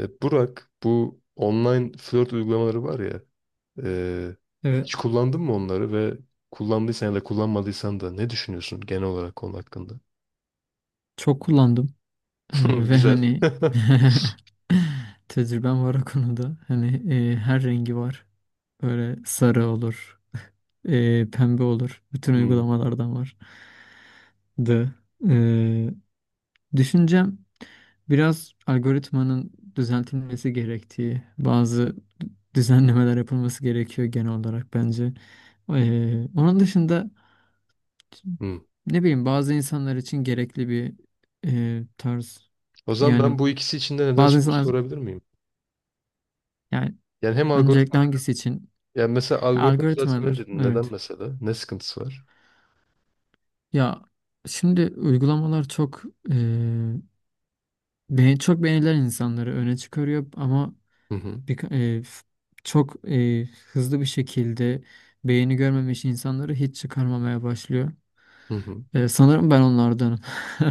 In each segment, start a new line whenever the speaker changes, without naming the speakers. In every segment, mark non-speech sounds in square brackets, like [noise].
Burak, bu online flört uygulamaları var ya, e,
Evet,
hiç kullandın mı onları ve kullandıysan ya da kullanmadıysan da ne düşünüyorsun genel olarak konu hakkında?
çok kullandım. Ee,
[laughs]
ve
Güzel.
hani [laughs] tecrübem var o konuda. Hani her rengi var. Böyle sarı olur, [laughs] pembe olur. Bütün
Hmm,
uygulamalardan var. Da e, düşüncem biraz algoritmanın düzeltilmesi gerektiği, bazı düzenlemeler yapılması gerekiyor genel olarak bence. Onun dışında.
hmm.
Ne bileyim bazı insanlar için gerekli bir tarz.
O zaman
Yani
ben bu ikisi içinde neden
bazı
soru
insanlar
sorabilir miyim?
yani
Yani hem
öncelikle
algoritma,
hangisi için?
yani mesela
Ha,
algoritma düzeltmeli
algoritmalar
dedin. Neden
evet.
mesela? Ne sıkıntısı var?
Ya şimdi uygulamalar çok e, çok beğenilen insanları öne çıkarıyor ama
Hı hı,
bir, çok hızlı bir şekilde beğeni görmemiş insanları hiç çıkarmamaya başlıyor.
hı hı.
Sanırım ben onlardanım. [laughs]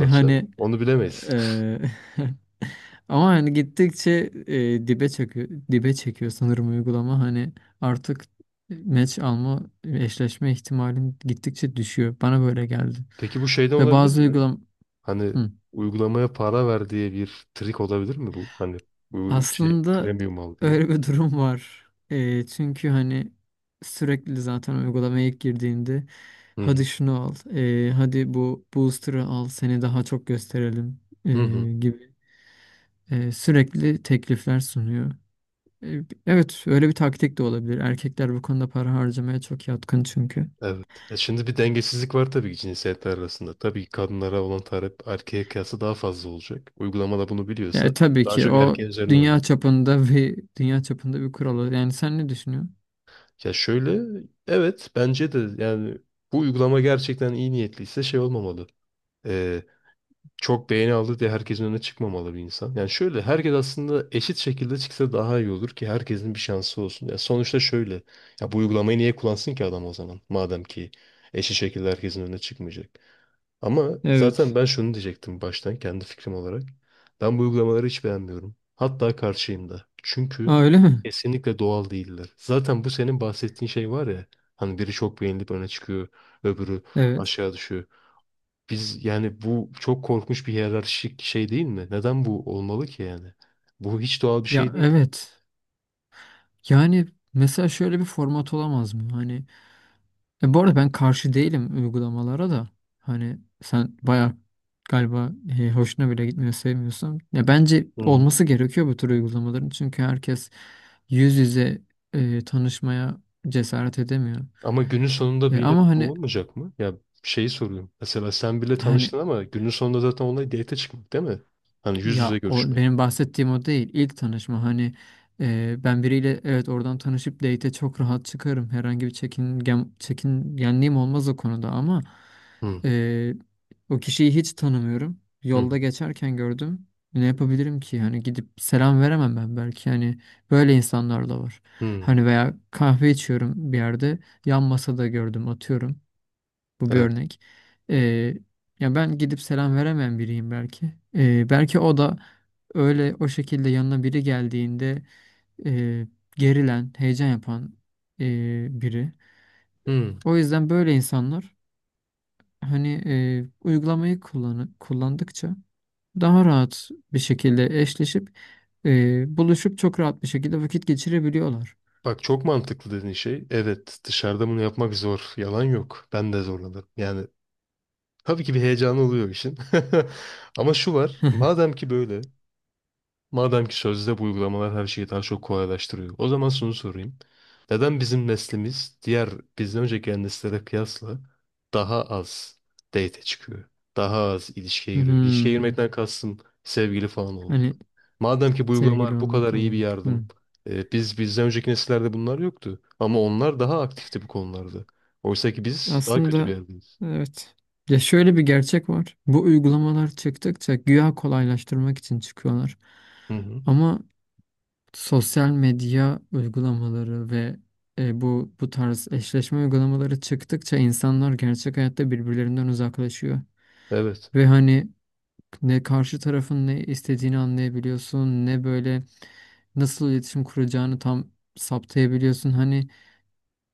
Ve
canım.
hani
Onu bilemeyiz.
e, [laughs] ama hani gittikçe dibe çekiyor, dibe çekiyor sanırım uygulama. Hani artık maç alma, eşleşme ihtimalin gittikçe düşüyor. Bana böyle geldi.
[laughs] Peki bu şeyden
Ve
olabilir
bazı
mi?
uygulam.
Hani
Hı.
uygulamaya para ver diye bir trik olabilir mi bu? Hani bu şey
Aslında
premium al diye.
öyle bir durum var. Çünkü hani sürekli zaten uygulamaya ilk girdiğinde
Hı hı.
hadi şunu al, hadi bu booster'ı al, seni daha çok gösterelim e,
Hı hı.
gibi sürekli teklifler sunuyor. E, Evet, öyle bir taktik de olabilir. Erkekler bu konuda para harcamaya çok yatkın çünkü.
Evet. E, şimdi bir dengesizlik var tabii ki cinsiyetler arasında. Tabii ki kadınlara olan talep erkeğe kıyasla daha fazla olacak. Uygulamada bunu biliyorsa
Yani tabii
daha
ki
çok
o
erkeğin üzerine oynuyor.
dünya çapında [laughs] bir dünya çapında bir kural. Yani sen ne düşünüyorsun?
Ya şöyle, evet bence de yani bu uygulama gerçekten iyi niyetliyse şey olmamalı. E, Çok beğeni aldı diye herkesin önüne çıkmamalı bir insan. Yani şöyle herkes aslında eşit şekilde çıksa daha iyi olur ki herkesin bir şansı olsun. Ya sonuçta şöyle, ya bu uygulamayı niye kullansın ki adam o zaman madem ki eşit şekilde herkesin önüne çıkmayacak. Ama zaten
Evet.
ben şunu diyecektim baştan kendi fikrim olarak. Ben bu uygulamaları hiç beğenmiyorum. Hatta karşıyım da. Çünkü
Aa, öyle mi?
kesinlikle doğal değiller. Zaten bu senin bahsettiğin şey var ya. Hani biri çok beğenilip öne çıkıyor, öbürü
Evet.
aşağı düşüyor. Biz yani bu çok korkmuş bir hiyerarşik şey değil mi? Neden bu olmalı ki yani? Bu hiç doğal bir
Ya
şey değil.
evet. Yani mesela şöyle bir format olamaz mı? Hani bu arada ben karşı değilim uygulamalara da. Hani sen bayağı galiba hoşuna bile gitmiyor, sevmiyorsan. Ya bence
Hı hı.
olması gerekiyor bu tür uygulamaların. Çünkü herkes yüz yüze tanışmaya cesaret edemiyor.
Ama günün sonunda da yine
Ama
bu
hani
olmayacak mı? Ya şeyi soruyorum. Mesela sen bile
hani
tanıştın ama günün sonunda zaten olay date çıkmak değil mi? Hani yüz yüze
ya o
görüşmek.
benim bahsettiğim o değil. İlk tanışma hani ben biriyle evet oradan tanışıp date'e çok rahat çıkarım. Herhangi bir çekingen, çekingenliğim olmaz o konuda ama
Hı,
e, o kişiyi hiç tanımıyorum.
hı,
Yolda geçerken gördüm. Ne yapabilirim ki? Hani gidip selam veremem ben belki. Hani böyle insanlar da var.
hı.
Hani veya kahve içiyorum bir yerde. Yan masada gördüm atıyorum. Bu bir
Evet.
örnek. Ee, ya ben gidip selam veremeyen biriyim belki. Belki o da öyle o şekilde yanına biri geldiğinde e, gerilen, heyecan yapan biri.
Hı.
O yüzden böyle insanlar hani kullandıkça daha rahat bir şekilde eşleşip buluşup çok rahat bir şekilde vakit geçirebiliyorlar.
Bak çok mantıklı dediğin şey. Evet, dışarıda bunu yapmak zor. Yalan yok. Ben de zorlanırım. Yani tabii ki bir heyecanı oluyor işin. [laughs] Ama şu var. Madem ki sözde bu uygulamalar her şeyi daha çok kolaylaştırıyor. O zaman şunu sorayım. Neden bizim neslimiz diğer bizden önceki gelen nesillere kıyasla daha az date çıkıyor? Daha az ilişkiye giriyor. İlişkiye
Hmm,
girmekten kastım sevgili falan olmak.
hani
Madem ki bu
sevgili
uygulamalar bu
olmak
kadar iyi bir
olarak. Hı.
yardım. Biz bizden önceki nesillerde bunlar yoktu. Ama onlar daha aktifti bu konularda. Oysa ki biz daha kötü bir
Aslında
yerdeyiz.
evet. Ya şöyle bir gerçek var. Bu uygulamalar çıktıkça güya kolaylaştırmak için çıkıyorlar.
Hı hı.
Ama sosyal medya uygulamaları ve bu tarz eşleşme uygulamaları çıktıkça insanlar gerçek hayatta birbirlerinden uzaklaşıyor.
Evet.
Ve hani ne karşı tarafın ne istediğini anlayabiliyorsun, ne böyle nasıl iletişim kuracağını tam saptayabiliyorsun. Hani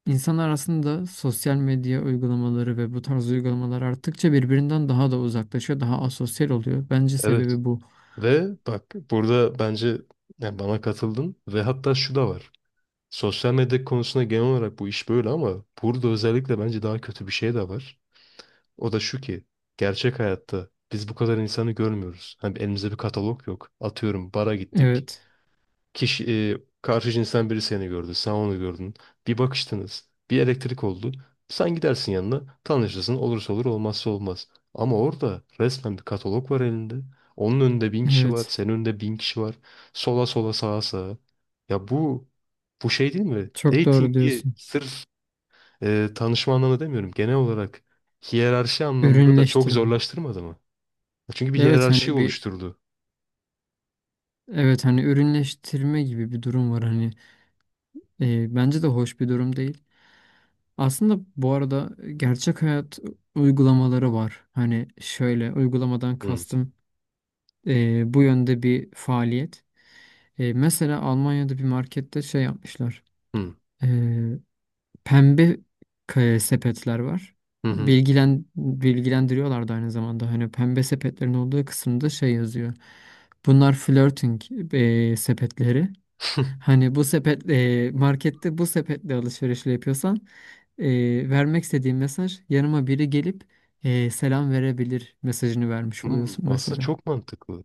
İnsanlar aslında sosyal medya uygulamaları ve bu tarz uygulamalar arttıkça birbirinden daha da uzaklaşıyor, daha asosyal oluyor. Bence
Evet.
sebebi bu.
Ve bak burada bence yani bana katıldın ve hatta şu da var. Sosyal medya konusunda genel olarak bu iş böyle ama burada özellikle bence daha kötü bir şey de var. O da şu ki gerçek hayatta biz bu kadar insanı görmüyoruz. Hani elimizde bir katalog yok. Atıyorum bara gittik.
Evet,
Kişi, karşı cinsten biri seni gördü, sen onu gördün. Bir bakıştınız, bir elektrik oldu. Sen gidersin yanına, tanışırsın, olursa olur, olmazsa olmaz. Ama orada resmen bir katalog var elinde. Onun önünde bin kişi var,
evet.
senin önünde bin kişi var. Sola sola sağa sağa. Ya bu, bu şey değil mi?
Çok doğru
Dating'i
diyorsun.
sırf tanışma anlamında demiyorum. Genel olarak hiyerarşi anlamında da çok
Ürünleştirme.
zorlaştırmadı mı? Çünkü bir
Evet
hiyerarşi
hani bir
oluşturdu.
evet hani ürünleştirme gibi bir durum var hani bence de hoş bir durum değil. Aslında bu arada gerçek hayat uygulamaları var. Hani şöyle uygulamadan
Hı
kastım bu yönde bir faaliyet. Mesela Almanya'da bir markette şey yapmışlar.
hı
Ee, pembe sepetler var.
hı. Hı.
Bilgilendiriyorlar da aynı zamanda. Hani pembe sepetlerin olduğu kısımda şey yazıyor. Bunlar flirting sepetleri.
[laughs]
Hani bu sepet markette bu sepetle alışverişle yapıyorsan vermek istediğin mesaj yanıma biri gelip selam verebilir mesajını vermiş
Hmm,
oluyorsun
aslında
mesela.
çok mantıklı.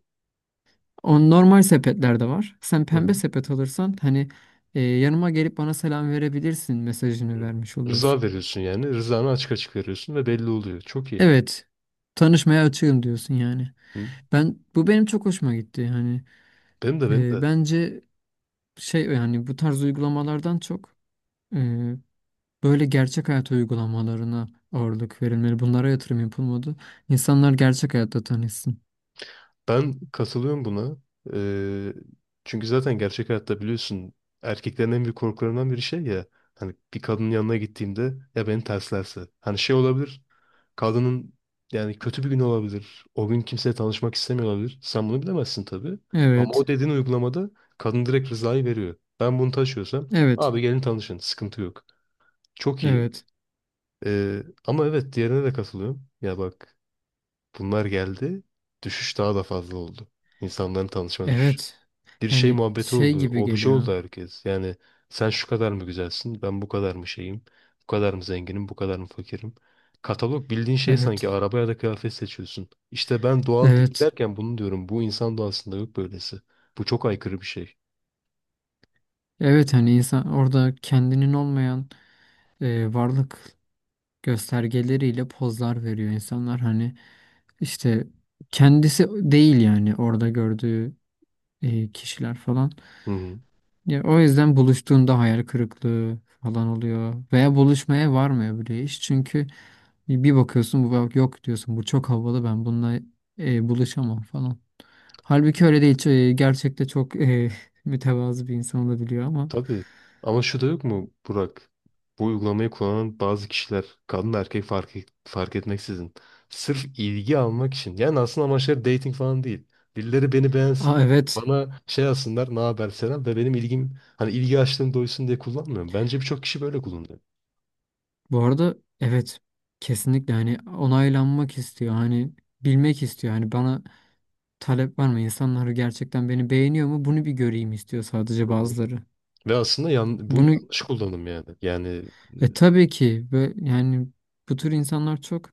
On normal sepetler de var. Sen
Hı
pembe
hı.
sepet alırsan hani yanıma gelip bana selam verebilirsin mesajını
Hı.
vermiş
Rıza
oluyorsun.
veriyorsun yani. Rızanı açık açık veriyorsun ve belli oluyor. Çok iyi.
Evet. Tanışmaya açığım diyorsun yani.
Hı.
Ben bu benim çok hoşuma gitti. Hani
Benim de, benim de.
bence şey yani bu tarz uygulamalardan çok e, böyle gerçek hayat uygulamalarına ağırlık verilmeli. Bunlara yatırım yapılmadı. İnsanlar gerçek hayatta tanışsın.
Ben katılıyorum buna. Ee, çünkü zaten gerçek hayatta biliyorsun erkeklerin en büyük korkularından biri şey ya. Hani bir kadının yanına gittiğimde ya beni terslerse. Hani şey olabilir. Kadının yani kötü bir gün olabilir. O gün kimseye tanışmak istemiyor olabilir. Sen bunu bilemezsin tabii. Ama
Evet.
o dediğin uygulamada kadın direkt rızayı veriyor. Ben bunu taşıyorsam
Evet.
abi gelin tanışın. Sıkıntı yok. Çok iyi.
Evet.
Ama evet diğerine de katılıyorum. Ya bak bunlar geldi. Düşüş daha da fazla oldu. İnsanların tanışma düşüşü.
Evet.
Bir şey
Yani
muhabbeti
şey
oldu.
gibi
Obje
geliyor.
oldu herkes. Yani sen şu kadar mı güzelsin? Ben bu kadar mı şeyim? Bu kadar mı zenginim? Bu kadar mı fakirim? Katalog bildiğin şey, sanki
Evet.
araba ya da kıyafet seçiyorsun. İşte ben doğal değil
Evet.
derken bunu diyorum. Bu insan doğasında yok böylesi. Bu çok aykırı bir şey.
Evet hani insan orada kendinin olmayan varlık göstergeleriyle pozlar veriyor insanlar hani işte kendisi değil yani orada gördüğü kişiler falan.
Hı hı.
Ya o yüzden buluştuğunda hayal kırıklığı falan oluyor veya buluşmaya varmıyor bile iş. Çünkü bir bakıyorsun bu bak yok diyorsun bu çok havalı ben bununla buluşamam falan. Halbuki öyle değil. Gerçekte çok [laughs] mütevazı bir insan olabiliyor ama.
Tabii. Ama şu da yok mu Burak? Bu uygulamayı kullanan bazı kişiler kadın da erkek fark etmeksizin sırf ilgi almak için. Yani aslında amaçları dating falan değil. Birileri beni
Aa
beğensin.
evet.
Bana şey yazsınlar ne haber selam ve benim ilgim hani ilgi açlığım doysun diye kullanmıyorum. Bence birçok kişi böyle kullanıyor.
Bu arada evet kesinlikle hani onaylanmak istiyor hani bilmek istiyor hani bana talep var mı insanlar gerçekten beni beğeniyor mu bunu bir göreyim istiyor sadece
Hı hı.
bazıları.
Ve aslında bu
Bunu
yanlış kullanım yani.
tabii ki ve yani bu tür insanlar çok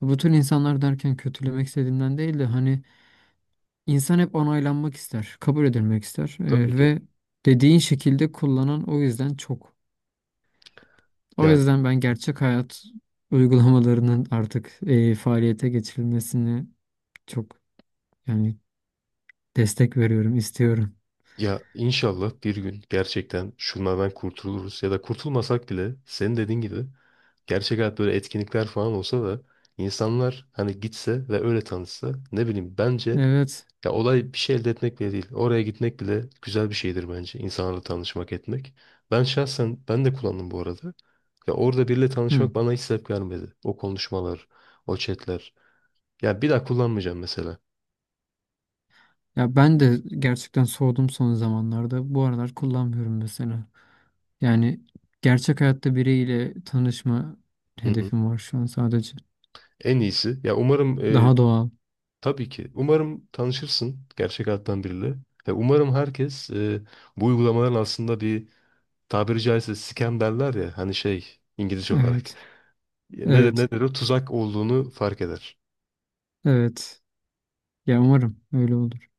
bu tür insanlar derken kötülemek istediğimden değil de hani insan hep onaylanmak ister kabul edilmek ister.
Tabii ki.
Ve dediğin şekilde kullanan o yüzden çok. O yüzden ben gerçek hayat uygulamalarının artık faaliyete geçirilmesini çok yani destek veriyorum, istiyorum.
Ya inşallah bir gün gerçekten şunlardan kurtuluruz ya da kurtulmasak bile senin dediğin gibi gerçek hayat böyle etkinlikler falan olsa da insanlar hani gitse ve öyle tanışsa ne bileyim bence
Evet.
ya olay bir şey elde etmek bile değil. Oraya gitmek bile güzel bir şeydir bence insanlarla tanışmak etmek. Ben şahsen ben de kullandım bu arada. Ya orada biriyle
Hı.
tanışmak bana hiç sebep vermedi. O konuşmalar, o chatler. Ya bir daha kullanmayacağım mesela.
Ya ben de gerçekten soğudum son zamanlarda. Bu aralar kullanmıyorum mesela. Yani gerçek hayatta biriyle tanışma
Hı hı.
hedefim var şu an sadece.
En iyisi. Ya umarım.
Daha doğal.
Tabii ki. Umarım tanışırsın gerçek hayattan biriyle. Ve umarım herkes bu uygulamaların aslında bir, tabiri caizse scam derler ya hani şey İngilizce olarak. [laughs]
Evet.
Ne de
Evet.
ne de o tuzak olduğunu fark eder.
Evet. Ya umarım öyle olur.